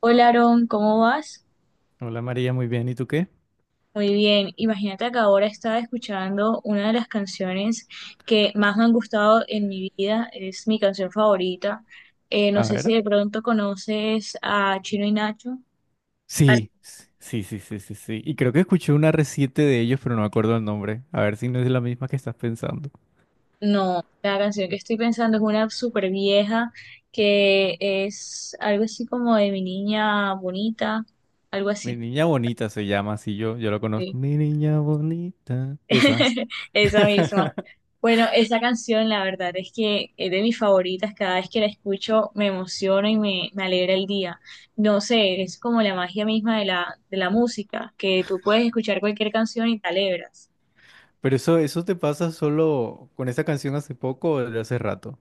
Hola Aaron, ¿cómo vas? Hola María, muy bien. ¿Y tú qué? Muy bien, imagínate que ahora estaba escuchando una de las canciones que más me han gustado en mi vida, es mi canción favorita. No A sé ver. si de pronto conoces a Chino y Nacho. Ar- Sí, sí, sí, sí, sí, sí. Y creo que escuché una reciente de ellos, pero no me acuerdo el nombre. A ver si no es la misma que estás pensando. No, la canción que estoy pensando es una súper vieja que es algo así como de mi niña bonita, algo Mi así. niña bonita se llama así yo lo conozco. Sí. Mi niña bonita. Esa. Esa misma. Bueno, esa canción, la verdad es que es de mis favoritas. Cada vez que la escucho me emociona y me alegra el día. No sé, es como la magia misma de de la música, que tú puedes escuchar cualquier canción y te alegras. Pero eso te pasa solo con esa canción hace poco o de hace rato.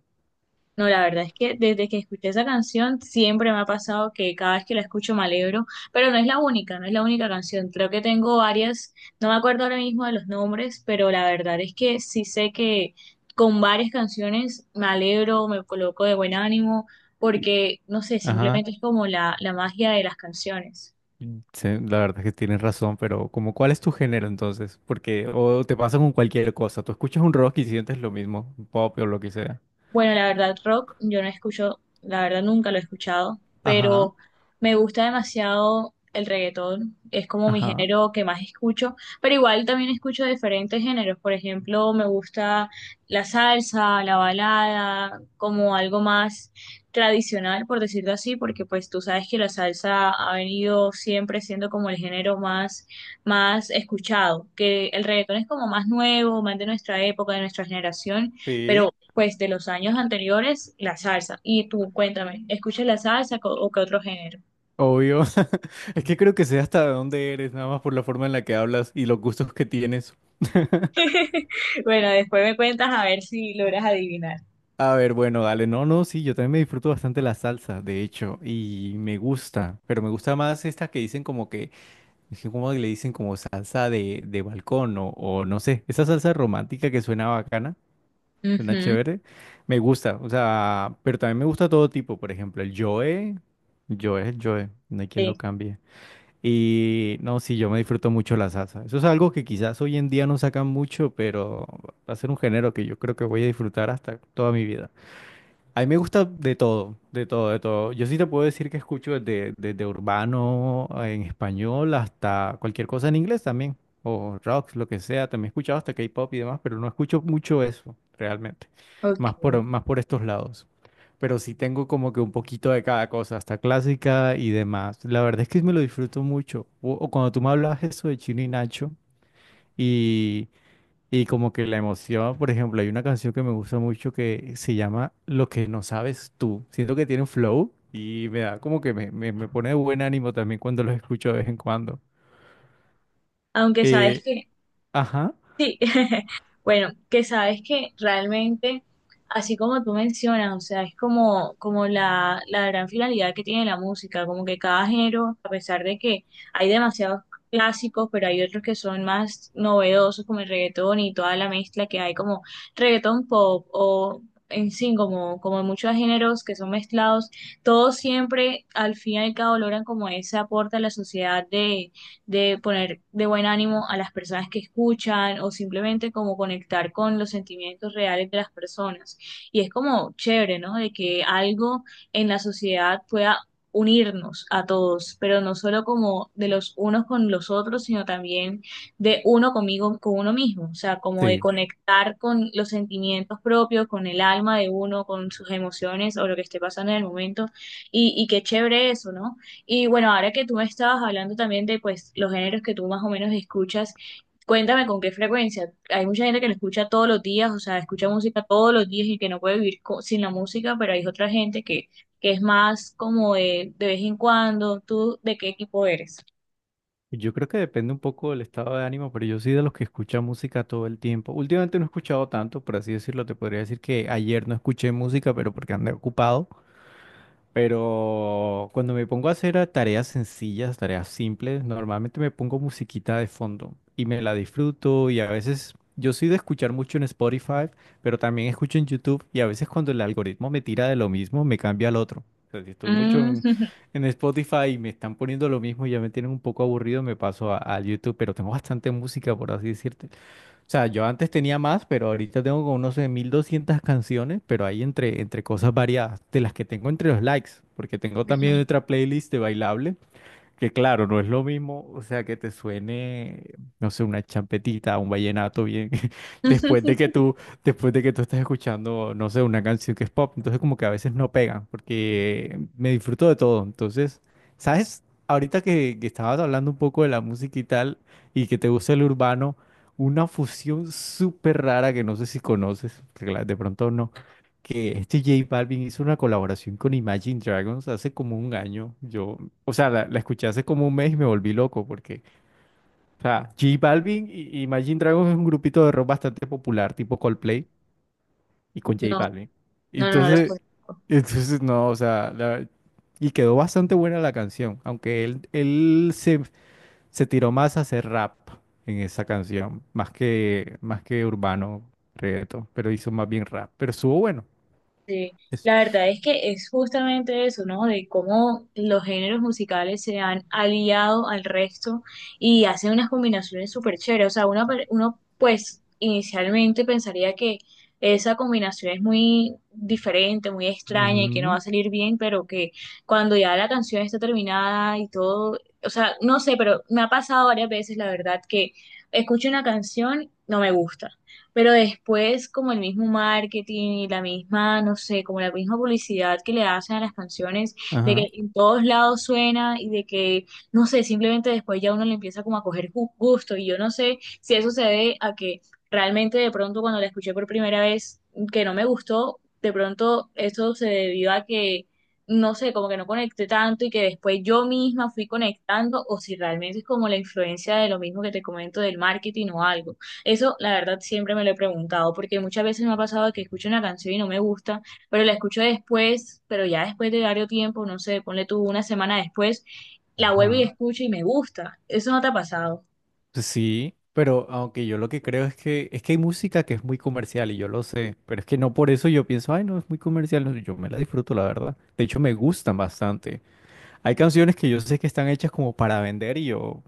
No, la verdad es que desde que escuché esa canción siempre me ha pasado que cada vez que la escucho me alegro, pero no es la única, no es la única canción. Creo que tengo varias, no me acuerdo ahora mismo de los nombres, pero la verdad es que sí sé que con varias canciones me alegro, me coloco de buen ánimo, Y- porque no sé, Ajá. simplemente es como la magia de las canciones. Sí, la verdad es que tienes razón, pero como ¿cuál es tu género entonces? Porque o te pasa con cualquier cosa. Tú escuchas un rock y sientes lo mismo, un pop o lo que sea. Bueno, la verdad, rock, yo no escucho, la verdad nunca lo he escuchado, Ajá. pero me gusta demasiado el reggaetón, es como mi Ajá. género que más escucho, pero igual también escucho diferentes géneros, por ejemplo, me gusta la salsa, la balada, como algo más tradicional, por decirlo así, porque pues tú sabes que la salsa ha venido siempre siendo como el género más, más escuchado, que el reggaetón es como más nuevo, más de nuestra época, de nuestra generación. Sí, Pero pues de los años anteriores, la salsa. Y tú cuéntame, ¿escuchas la salsa o qué otro género? obvio. Es que creo que sé hasta de dónde eres, nada más por la forma en la que hablas y los gustos que tienes. Bueno, después me cuentas a ver si logras adivinar. A ver, bueno, dale. No, no, sí, yo también me disfruto bastante la salsa, de hecho, y me gusta, pero me gusta más esta que dicen como que, es que como le dicen como salsa de balcón o no sé, esa salsa romántica que suena bacana, suena Ujú, chévere, me gusta, o sea, pero también me gusta todo tipo, por ejemplo, el Joe, Joe, Joe, no hay quien lo sí, cambie. Y no, sí, yo me disfruto mucho la salsa. Eso es algo que quizás hoy en día no sacan mucho, pero va a ser un género que yo creo que voy a disfrutar hasta toda mi vida. A mí me gusta de todo, de todo, de todo. Yo sí te puedo decir que escucho desde urbano en español hasta cualquier cosa en inglés también, o rock, lo que sea. También he escuchado hasta K-pop y demás, pero no escucho mucho eso realmente, ok. más más por estos lados. Pero sí tengo como que un poquito de cada cosa, hasta clásica y demás. La verdad es que me lo disfruto mucho. O cuando tú me hablas eso de Chino y Nacho. y como que la emoción, por ejemplo, hay una canción que me gusta mucho que se llama Lo que no sabes tú. Siento que tiene un flow y me da como que me pone de buen ánimo también cuando los escucho de vez en cuando. Aunque sabes Eh, que ajá, Sí, bueno, que sabes que realmente, así como tú mencionas, o sea, es como, como la gran finalidad que tiene la música, como que cada género, a pesar de que hay demasiados clásicos, pero hay otros que son más novedosos, como el reggaetón y toda la mezcla que hay, como reggaetón pop o en sí, como, como muchos géneros que son mezclados, todos siempre al fin y al cabo logran como ese aporte a la sociedad de poner de buen ánimo a las personas que escuchan o simplemente como conectar con los sentimientos reales de las personas. Y es como chévere, ¿no? De que algo en la sociedad pueda unirnos a todos, pero no solo como de los unos con los otros, sino también de uno conmigo, con uno mismo, o sea, como de sí. conectar con los sentimientos propios, con el alma de uno, con sus emociones o lo que esté pasando en el momento, y qué chévere eso, ¿no? Y bueno, ahora que tú me estabas hablando también de pues los géneros que tú más o menos escuchas, cuéntame con qué frecuencia. Hay mucha gente que lo escucha todos los días, o sea, escucha música todos los días y que no puede vivir sin la música, pero hay otra gente que es más como de vez en cuando. ¿Tú de qué equipo eres? Yo creo que depende un poco del estado de ánimo, pero yo soy de los que escucha música todo el tiempo. Últimamente no he escuchado tanto, por así decirlo. Te podría decir que ayer no escuché música, pero porque andé ocupado. Pero cuando me pongo a hacer tareas sencillas, tareas simples, normalmente me pongo musiquita de fondo y me la disfruto y a veces yo soy de escuchar mucho en Spotify, pero también escucho en YouTube y a veces cuando el algoritmo me tira de lo mismo, me cambia al otro. O sea, si estoy mucho Mm, en Spotify y me están poniendo lo mismo y ya me tienen un poco aburrido, me paso a YouTube, pero tengo bastante música, por así decirte. O sea, yo antes tenía más, pero ahorita tengo como, no sé, 1200 canciones, pero hay entre cosas variadas, de las que tengo entre los likes, porque tengo también otra playlist de bailable, que claro, no es lo mismo, o sea, que te suene, no sé, una champetita, un vallenato bien, No, después de que después de que tú estás escuchando, no sé, una canción que es pop, entonces como que a veces no pegan, porque me disfruto de todo. Entonces, ¿sabes? Ahorita que estabas hablando un poco de la música y tal, y que te gusta el urbano, una fusión súper rara que no sé si conoces, de pronto no que este J Balvin hizo una colaboración con Imagine Dragons hace como un año. Yo O sea, la escuché hace como un mes y me volví loco porque, o sea, J Balvin y Imagine Dragons es un grupito de rock bastante popular, tipo Coldplay y con J Balvin. No los Entonces, conozco. entonces no, o sea, y quedó bastante buena la canción, aunque él se tiró más a hacer rap en esa canción, más más que urbano, reggaetón, pero hizo más bien rap, pero estuvo bueno. Sí, Es- la verdad es que es justamente eso, ¿no? De cómo los géneros musicales se han aliado al resto y hacen unas combinaciones súper chéveres. O sea, uno pues inicialmente pensaría que esa combinación es muy diferente, muy extraña y que no va a Ujú. salir bien, pero que cuando ya la canción está terminada y todo, o sea, no sé, pero me ha pasado varias veces, la verdad, que escucho una canción, no me gusta pero después, como el mismo marketing y la misma, no sé, como la misma publicidad que le hacen a las canciones, de que Ajá. en todos lados suena y de que, no sé, simplemente después ya uno le empieza como a coger gusto. Y yo no sé si eso se debe a que realmente de pronto cuando la escuché por primera vez, que no me gustó, de pronto eso se debió a que, no sé, como que no conecté tanto y que después yo misma fui conectando, o si realmente es como la influencia de lo mismo que te comento del marketing o algo. Eso, la verdad, siempre me lo he preguntado, porque muchas veces me ha pasado que escucho una canción y no me gusta, pero la escucho después, pero ya después de varios tiempo, no sé, ponle tú una semana después, la vuelvo y Ajá. escucho y me gusta. Eso no te ha pasado. Sí, pero aunque yo lo que creo es que hay música que es muy comercial y yo lo sé, pero es que no por eso yo pienso, ay, no, es muy comercial, no, yo me la disfruto, la verdad. De hecho, me gustan bastante. Hay canciones que yo sé que están hechas como para vender y yo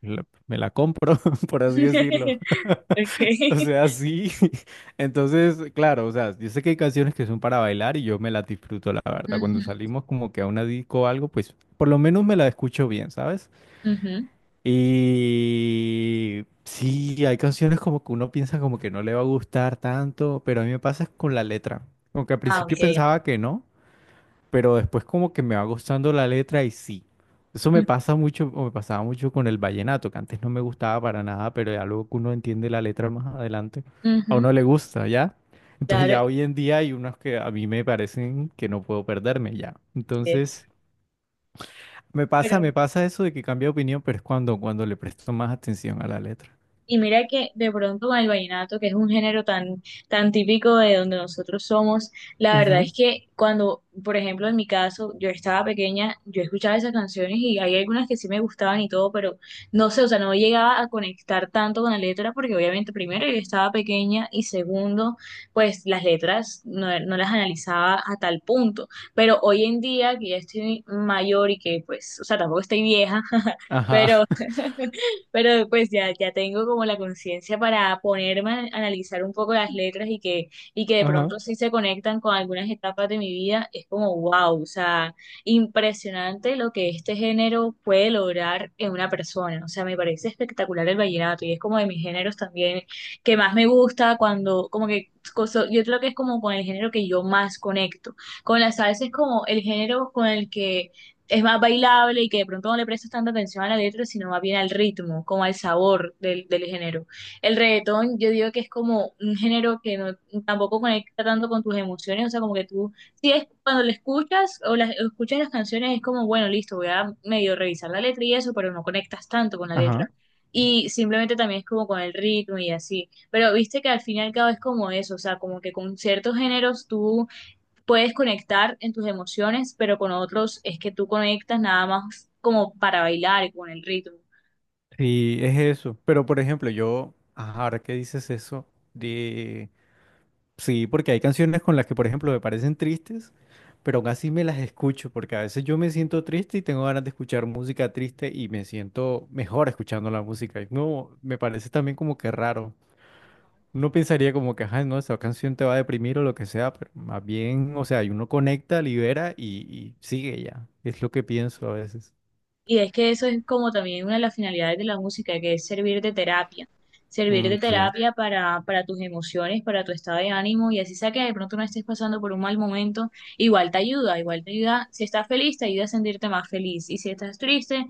la- me la compro, por así decirlo. Okay. O sea, sí. Entonces, claro, o sea, yo sé que hay canciones que son para bailar y yo me las disfruto, la verdad. Cuando Ujú, salimos como que a una disco o algo, pues por lo menos me la escucho bien, ¿sabes? ujú. Y sí, hay canciones como que uno piensa como que no le va a gustar tanto, pero a mí me pasa es con la letra. Como que al Ah, ok. principio pensaba que no, pero después como que me va gustando la letra y sí. Eso me pasa mucho, o me pasaba mucho con el vallenato, que antes no me gustaba para nada, pero ya luego que uno entiende la letra más adelante, a Ujú, uno le gusta, ¿ya? Entonces claro. ya hoy en día hay unos que a mí me parecen que no puedo perderme ya. es- Entonces... Pero me pasa eso de que cambia de opinión, pero es cuando le presto más atención a la letra. y mira que de pronto con el vallenato, que es un género tan, tan típico de donde nosotros somos, la verdad es Ujú. que cuando, por ejemplo, en mi caso, yo estaba pequeña, yo escuchaba esas canciones y hay algunas que sí me gustaban y todo, pero no sé, o sea, no llegaba a conectar tanto con la letra porque obviamente primero yo estaba pequeña y segundo, pues las letras no las analizaba a tal punto. Pero hoy en día que ya estoy mayor y que pues, o sea, tampoco estoy vieja, Ajá, pero... Pero pues ya tengo como la conciencia para ponerme a analizar un poco las letras y que de ajá, pronto sí se conectan con algunas etapas de mi vida. Es como wow, o sea, impresionante lo que este género puede lograr en una persona. O sea, me parece espectacular el vallenato y es como de mis géneros también que más me gusta cuando, como que, yo creo que es como con el género que yo más conecto. Con la salsa es como el género con el que es más bailable y que de pronto no le prestas tanta atención a la letra, sino más bien al ritmo, como al sabor del, del género. El reggaetón, yo digo que es como un género que no, tampoco conecta tanto con tus emociones, o sea, como que tú, si es cuando lo escuchas o las, o escuchas las canciones, es como, bueno, listo, voy a medio revisar la letra y eso, pero no conectas tanto con la ajá. letra. Y simplemente también es como con el ritmo y así. Pero viste que al fin y al cabo es como eso, o sea, como que con ciertos géneros tú puedes conectar en tus emociones, pero con otros es que tú conectas nada más como para bailar y con el ritmo. Sí, es eso. Pero por ejemplo, ajá, ahora que dices eso, de... sí, porque hay canciones con las que, por ejemplo, me parecen tristes, pero aún así me las escucho, porque a veces yo me siento triste y tengo ganas de escuchar música triste y me siento mejor escuchando la música. Y no, me parece también como que raro. Uno pensaría como que, ajá, no, esa canción te va a deprimir o lo que sea, pero más bien, o sea, y uno conecta, libera y sigue ya. Es lo que pienso a veces. Y es que eso es como también una de las finalidades de la música, que es servir Mm, de sí. terapia para tus emociones, para tu estado de ánimo, y así sea que de pronto no estés pasando por un mal momento, igual te ayuda, si estás feliz, te ayuda a sentirte más feliz, y si estás triste,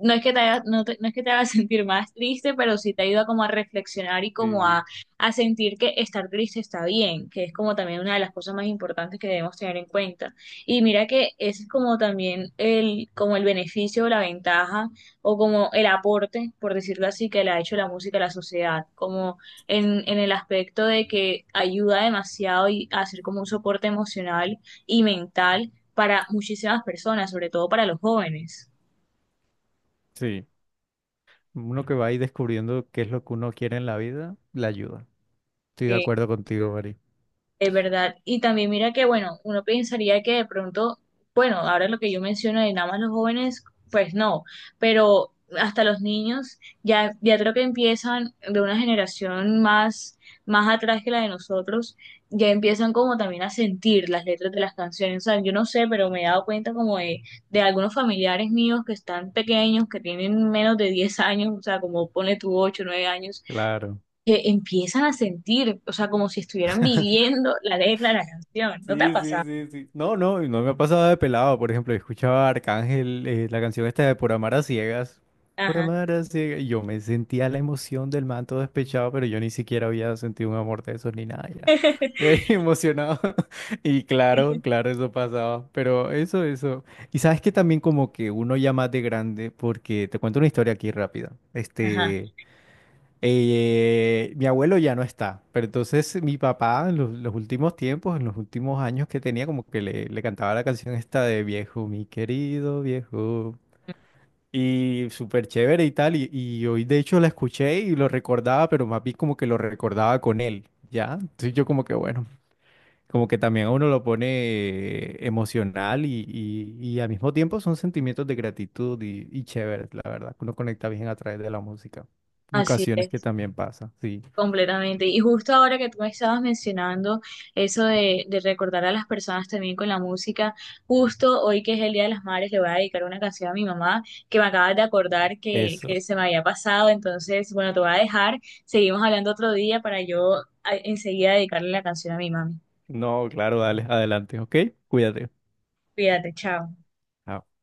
no es que te haga, no es que te haga sentir más triste, pero sí te ayuda como a reflexionar y Sí, como sí. a sentir que estar triste está bien, que es como también una de las cosas más importantes que debemos tener en cuenta. Y mira que ese es como también el, como el beneficio, la ventaja o como el aporte, por decirlo así, que le ha hecho la música a la sociedad, como en el aspecto de que ayuda demasiado y a ser como un soporte emocional y mental para muchísimas personas, sobre todo para los jóvenes. Sí. Uno que va ahí descubriendo qué es lo que uno quiere en la vida, la ayuda. Estoy de Sí. acuerdo contigo, Mari. Es verdad. Y también mira que, bueno, uno pensaría que de pronto, bueno, ahora lo que yo menciono de nada más los jóvenes, pues no, pero hasta los niños ya creo que empiezan de una generación más, más atrás que la de nosotros, ya empiezan como también a sentir las letras de las canciones. O sea, yo no sé, pero me he dado cuenta como de algunos familiares míos que están pequeños, que tienen menos de 10 años, o sea, como pone tu 8 9 años Claro. que empiezan a sentir, o sea, como si estuvieran viviendo la letra de la canción. ¿No te ha Sí, sí, pasado? sí, sí. No, no, y no me ha pasado de pelado. Por ejemplo, escuchaba a Arcángel, la canción esta de Por amar a ciegas. Por Ajá. amar a ciegas. Y yo me sentía la emoción del man todo despechado, pero yo ni siquiera había sentido un amor de esos ni nada. Ya, ya ahí emocionado. Y claro, claro, eso pasaba. Pero eso. Y sabes que también como que uno ya más de grande, porque te cuento una historia aquí rápida. Ajá, Mi abuelo ya no está, pero entonces mi papá en los últimos tiempos, en los últimos años que tenía, como que le cantaba la canción esta de viejo, mi querido viejo. Y súper chévere y tal, y hoy de hecho la escuché y lo recordaba, pero más bien como que lo recordaba con él, ¿ya? Entonces yo como que bueno, como que también a uno lo pone emocional y al mismo tiempo son sentimientos de gratitud y chévere, la verdad, que uno conecta bien a través de la música. así Ocasiones que es, también pasa, sí. completamente. Y justo ahora que tú me estabas mencionando eso de recordar a las personas también con la música, justo hoy que es el Día de las Madres le voy a dedicar una canción a mi mamá que me acabas de acordar que Eso. se me había pasado, entonces, bueno, te voy a dejar, seguimos hablando otro día para yo enseguida dedicarle la canción a mi mami. No, claro, dale, adelante, ¿ok? Cuídate. Cuídate, chao. Chao.